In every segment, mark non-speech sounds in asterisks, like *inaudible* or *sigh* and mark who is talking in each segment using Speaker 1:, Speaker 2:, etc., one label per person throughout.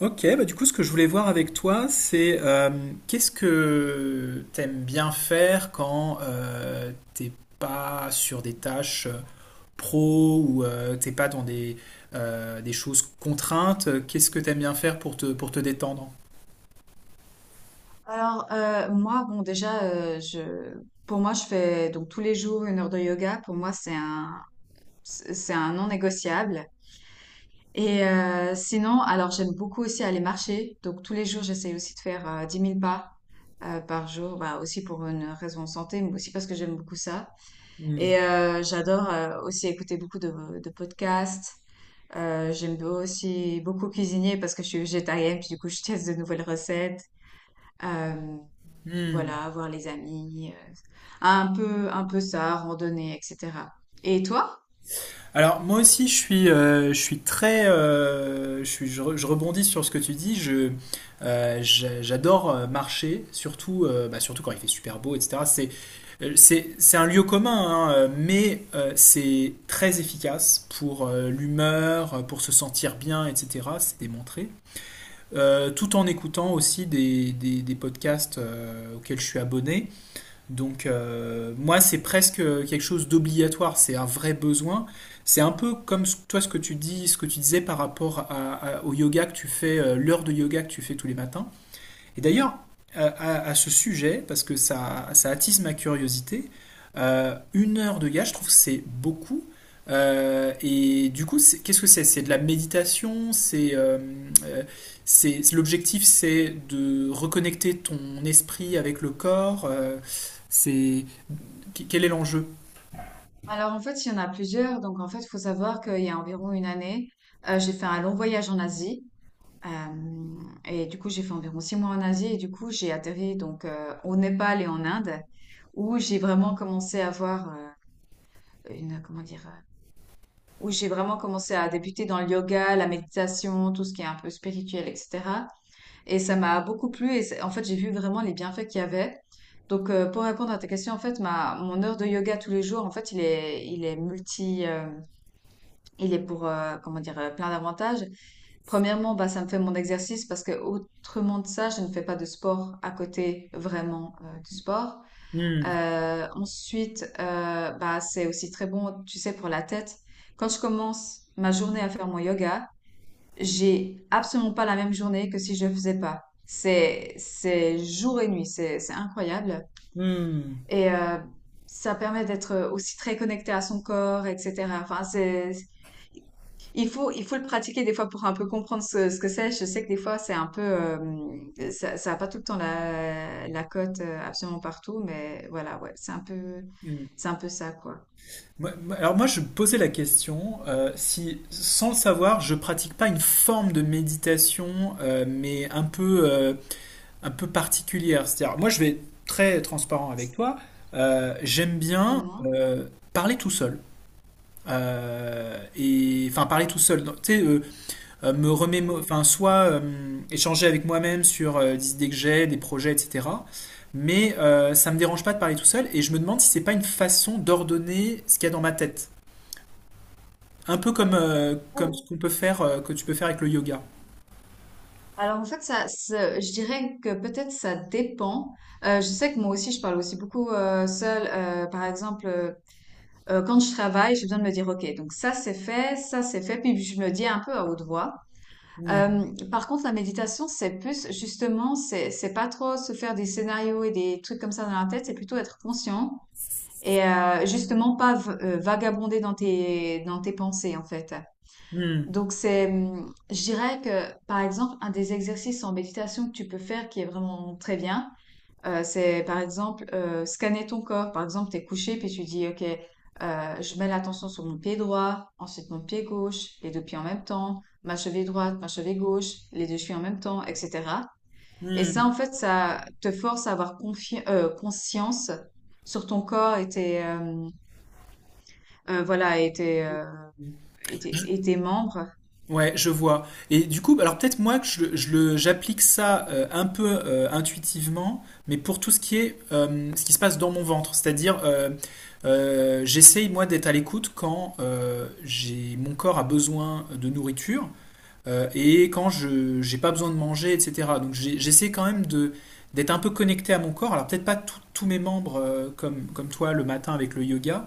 Speaker 1: Ok, bah du coup, ce que je voulais voir avec toi, c'est qu'est-ce que t'aimes bien faire quand t'es pas sur des tâches pro ou t'es pas dans des choses contraintes. Qu'est-ce que t'aimes bien faire pour te détendre?
Speaker 2: Alors, moi, bon, déjà, pour moi, je fais donc tous les jours 1 heure de yoga. Pour moi, c'est un non négociable. Et sinon, alors, j'aime beaucoup aussi aller marcher. Donc, tous les jours, j'essaye aussi de faire 10 000 pas par jour. Bah, aussi pour une raison de santé, mais aussi parce que j'aime beaucoup ça.
Speaker 1: Hmm.
Speaker 2: Et j'adore aussi écouter beaucoup de podcasts. J'aime aussi beaucoup cuisiner parce que je suis végétarienne, puis du coup, je teste de nouvelles recettes. Euh,
Speaker 1: Hmm.
Speaker 2: voilà, voir les amis, un peu ça, randonnée, etc. Et toi?
Speaker 1: Alors moi aussi je suis très, je, suis, je, re- je rebondis sur ce que tu dis. J'adore marcher, surtout quand il fait super beau, etc. C'est un lieu commun, hein, mais c'est très efficace pour l'humeur, pour se sentir bien, etc. C'est démontré. Tout en écoutant aussi des podcasts auxquels je suis abonné. Donc moi, c'est presque quelque chose d'obligatoire, c'est un vrai besoin. C'est un peu comme toi ce que tu dis, ce que tu disais par rapport à- au yoga que tu fais, l'heure de yoga que tu fais tous les matins. Et d'ailleurs, à ce sujet, parce que ça attise ma curiosité, une heure de gars, je trouve que c'est beaucoup. Et du coup, qu'est-ce que c'est? C'est de la méditation, euh, l'objectif, c'est de reconnecter ton esprit avec le corps. C'est Quel est l'enjeu?
Speaker 2: Alors en fait, il y en a plusieurs. Donc en fait, il faut savoir qu'il y a environ une année, j'ai fait un long voyage en Asie. Et du coup, j'ai fait environ 6 mois en Asie. Et du coup, j'ai atterri donc au Népal et en Inde, où j'ai vraiment commencé à voir une, comment dire, où j'ai vraiment commencé à débuter dans le yoga, la méditation, tout ce qui est un peu spirituel, etc. Et ça m'a beaucoup plu et c'est, en fait, j'ai vu vraiment les bienfaits qu'il y avait. Donc, pour répondre à ta question, en fait, mon heure de yoga tous les jours, en fait, il est multi, il est pour, comment dire, plein d'avantages. Premièrement, bah, ça me fait mon exercice parce que autrement de ça, je ne fais pas de sport à côté vraiment du sport.
Speaker 1: Hmm,
Speaker 2: Ensuite, bah, c'est aussi très bon, tu sais, pour la tête. Quand je commence ma journée à faire mon yoga, j'ai absolument pas la même journée que si je le faisais pas. C'est jour et nuit, c'est incroyable.
Speaker 1: hmm,
Speaker 2: Et ça permet d'être aussi très connecté à son corps, etc. Enfin, c'est, il faut le pratiquer des fois pour un peu comprendre ce que c'est. Je sais que des fois, c'est un peu, ça, ça a pas tout le temps la cote absolument partout, mais voilà, ouais,
Speaker 1: hmm.
Speaker 2: c'est un peu ça, quoi.
Speaker 1: Alors moi, je me posais la question si, sans le savoir, je pratique pas une forme de méditation, mais un peu particulière. C'est-à-dire, moi, je vais être très transparent avec toi. J'aime bien
Speaker 2: Dis-moi.
Speaker 1: euh, parler tout seul. Et enfin parler tout seul. Donc, tu sais,
Speaker 2: Bon.
Speaker 1: enfin soit échanger avec moi-même sur des idées que j'ai, des projets, etc. Mais ça me dérange pas de parler tout seul, et je me demande si c'est pas une façon d'ordonner ce qu'il y a dans ma tête. Un peu comme ce qu'on peut faire, que tu peux faire avec le yoga.
Speaker 2: Alors en fait, je dirais que peut-être ça dépend. Je sais que moi aussi, je parle aussi beaucoup seule. Par exemple, quand je travaille, j'ai besoin de me dire, OK, donc ça c'est fait, puis je me le dis un peu à haute voix. Euh,
Speaker 1: Hmm.
Speaker 2: par contre, la méditation, c'est plus justement, c'est pas trop se faire des scénarios et des trucs comme ça dans la tête, c'est plutôt être conscient et justement pas vagabonder dans tes pensées en fait.
Speaker 1: Hmm.
Speaker 2: Donc c'est, je dirais que par exemple, un des exercices en méditation que tu peux faire qui est vraiment très bien, c'est par exemple scanner ton corps. Par exemple, t'es couché puis tu dis, ok, je mets l'attention sur mon pied droit, ensuite mon pied gauche, les deux pieds en même temps, ma cheville droite, ma cheville gauche, les deux chevilles en même temps, etc. Et ça,
Speaker 1: Hmm.
Speaker 2: en fait, ça te force à avoir conscience sur ton corps et voilà, et et tes membres.
Speaker 1: Ouais, je vois. Et du coup, alors peut-être moi que j'applique ça un peu intuitivement, mais pour tout ce qui est ce qui se passe dans mon ventre, c'est-à-dire j'essaye moi d'être à l'écoute quand j'ai mon corps a besoin de nourriture et quand je j'ai pas besoin de manger, etc. Donc j'essaie quand même de d'être un peu connecté à mon corps. Alors peut-être pas tous mes membres comme, comme toi le matin avec le yoga,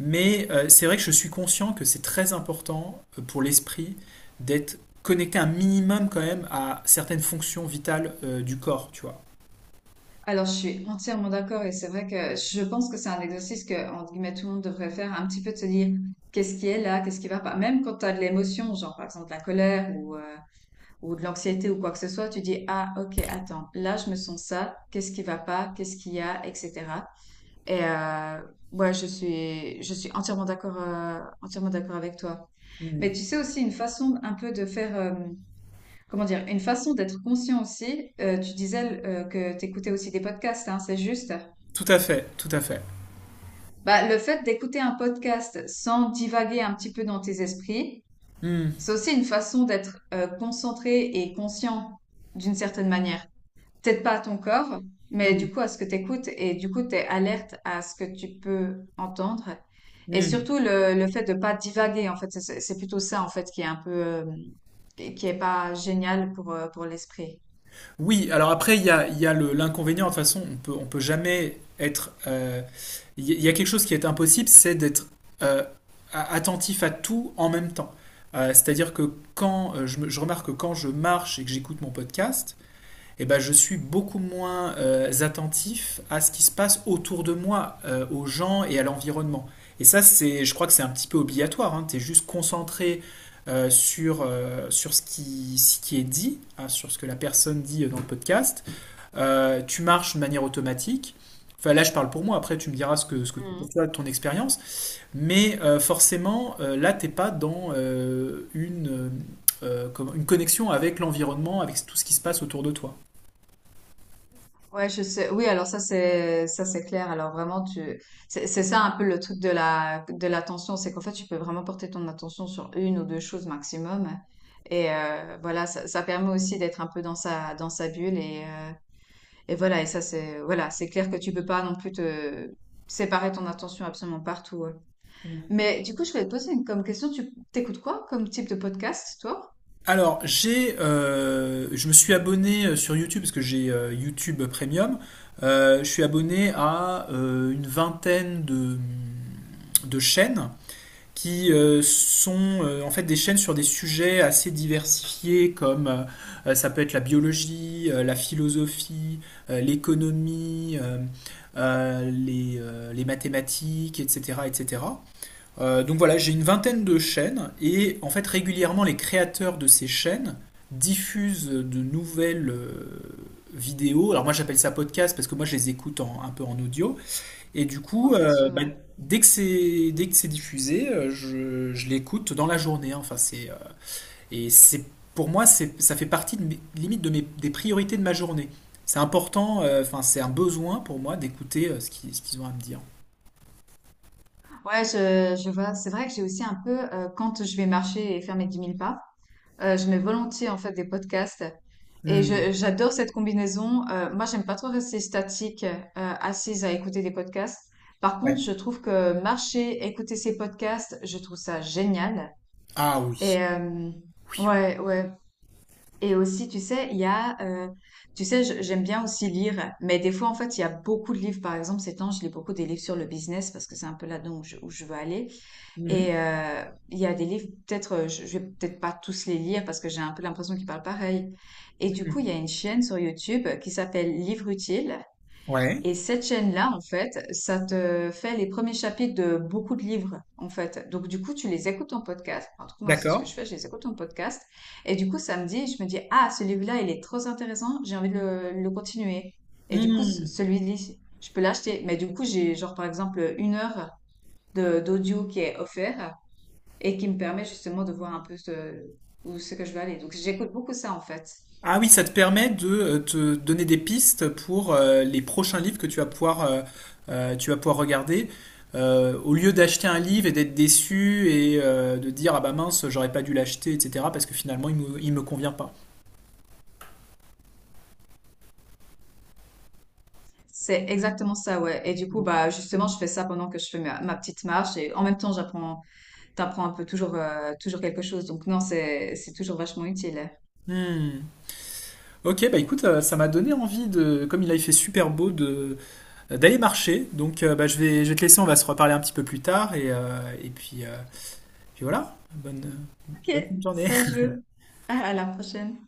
Speaker 1: mais c'est vrai que je suis conscient que c'est très important pour l'esprit d'être connecté un minimum quand même à certaines fonctions vitales du corps, tu vois.
Speaker 2: Alors, je suis entièrement d'accord et c'est vrai que je pense que c'est un exercice que, entre guillemets, tout le monde devrait faire, un petit peu de se dire qu'est-ce qui est là, qu'est-ce qui va pas. Même quand tu as de l'émotion, genre par exemple la colère ou de l'anxiété ou quoi que ce soit, tu dis, ah, ok, attends, là, je me sens ça, qu'est-ce qui va pas, qu'est-ce qu'il y a, etc. Et ouais, je suis entièrement d'accord avec toi. Mais tu sais aussi une façon un peu de faire, comment dire, une façon d'être conscient aussi. Tu disais que t'écoutais aussi des podcasts, hein, c'est juste.
Speaker 1: Tout à fait, tout à fait.
Speaker 2: Bah, le fait d'écouter un podcast sans divaguer un petit peu dans tes esprits,
Speaker 1: Hmm.
Speaker 2: c'est aussi une façon d'être concentré et conscient d'une certaine manière. Peut-être pas à ton corps, mais du coup à ce que tu écoutes et du coup tu es alerte à ce que tu peux entendre. Et
Speaker 1: Hmm.
Speaker 2: surtout le fait de pas divaguer, en fait, c'est plutôt ça en fait qui est un peu qui est pas génial pour l'esprit.
Speaker 1: Oui, alors après, il y a l'inconvénient. De toute façon, on peut jamais être il y a quelque chose qui est impossible, c'est d'être euh, attentif à tout en même temps. C'est-à-dire que quand je remarque que quand je marche et que j'écoute mon podcast, eh ben, je suis beaucoup moins attentif à ce qui se passe autour de moi, aux gens et à l'environnement. Et ça, je crois que c'est un petit peu obligatoire. Hein. Tu es juste concentré sur, ce qui est dit, hein, sur ce que la personne dit dans le podcast. Tu marches de manière automatique. Enfin, là, je parle pour moi. Après, tu me diras ce que
Speaker 2: Mhm.
Speaker 1: pour toi, ton expérience. Mais forcément, là, t'es pas dans comme une connexion avec l'environnement, avec tout ce qui se passe autour de toi.
Speaker 2: Ouais, je sais. Oui, alors ça c'est clair. Alors vraiment tu c'est ça un peu le truc de la de l'attention, c'est qu'en fait tu peux vraiment porter ton attention sur une ou deux choses maximum. Et voilà, ça permet aussi d'être un peu dans sa bulle et voilà, et ça c'est voilà, c'est clair que tu peux pas non plus te séparer ton attention absolument partout, hein. Mais du coup, je voulais te poser une, comme question, tu t'écoutes quoi comme type de podcast, toi?
Speaker 1: Alors, je me suis abonné sur YouTube parce que j'ai YouTube Premium. Je suis abonné à une vingtaine de chaînes qui sont en fait des chaînes sur des sujets assez diversifiés comme ça peut être la biologie, la philosophie, l'économie, les mathématiques, etc., etc. Donc voilà, j'ai une vingtaine de chaînes et en fait régulièrement les créateurs de ces chaînes diffusent de nouvelles vidéos. Alors moi j'appelle ça podcast parce que moi je les écoute un peu en audio. Et du
Speaker 2: Oh,
Speaker 1: coup,
Speaker 2: bien sûr,
Speaker 1: bah,
Speaker 2: ouais.
Speaker 1: dès que c'est diffusé, je l'écoute dans la journée. Hein. Enfin c'est et c'est pour moi, c'est ça fait partie de limite des priorités de ma journée. C'est important, enfin c'est un besoin pour moi d'écouter ce qu'ils ont à me dire.
Speaker 2: Ouais, je vois. C'est vrai que j'ai aussi un peu, quand je vais marcher et faire mes 10 000 pas, je mets volontiers en fait des podcasts et
Speaker 1: Hmm.
Speaker 2: j'adore cette combinaison. Moi, j'aime pas trop rester statique, assise à écouter des podcasts. Par
Speaker 1: Ouais.
Speaker 2: contre, je trouve que marcher, écouter ces podcasts, je trouve ça génial.
Speaker 1: Ah oui.
Speaker 2: Et
Speaker 1: Oui.
Speaker 2: ouais. Et aussi, tu sais, tu sais, j'aime bien aussi lire, mais des fois, en fait, il y a beaucoup de livres. Par exemple, ces temps, je lis beaucoup des livres sur le business parce que c'est un peu là-dedans où je veux aller. Et il y a des livres, peut-être, je vais peut-être pas tous les lire parce que j'ai un peu l'impression qu'ils parlent pareil. Et du coup, il y
Speaker 1: Mhm.
Speaker 2: a une chaîne sur YouTube qui s'appelle Livre Utile.
Speaker 1: Ouais,
Speaker 2: Et cette chaîne-là, en fait, ça te fait les premiers chapitres de beaucoup de livres, en fait. Donc, du coup, tu les écoutes en podcast. Enfin, en tout cas, moi, c'est ce
Speaker 1: d'accord.
Speaker 2: que je fais, je les écoute en podcast. Et du coup, ça me dit, je me dis, ah, ce livre-là, il est trop intéressant, j'ai envie de le continuer. Et du coup,
Speaker 1: Hmm.
Speaker 2: celui-là, je peux l'acheter. Mais du coup, j'ai, genre, par exemple, 1 heure d'audio qui est offert et qui me permet justement de voir un peu où c'est que je veux aller. Donc, j'écoute beaucoup ça, en fait.
Speaker 1: Ah oui, ça te permet de te donner des pistes pour les prochains livres que tu vas pouvoir regarder. Au lieu d'acheter un livre et d'être déçu et de dire ah bah mince, j'aurais pas dû l'acheter, etc. parce que finalement il me convient pas.
Speaker 2: C'est exactement ça, ouais. Et du coup, bah, justement, je fais ça pendant que je fais ma petite marche et en même temps, t'apprends un peu toujours, toujours quelque chose. Donc, non, c'est toujours vachement utile.
Speaker 1: Hmm. Ok, bah écoute, ça m'a donné envie de, comme il a fait super beau, de d'aller marcher. Donc bah, je vais te laisser, on va se reparler un petit peu plus tard et puis, voilà. Bonne,
Speaker 2: Ok,
Speaker 1: bonne journée.
Speaker 2: ça joue. *laughs* À la prochaine.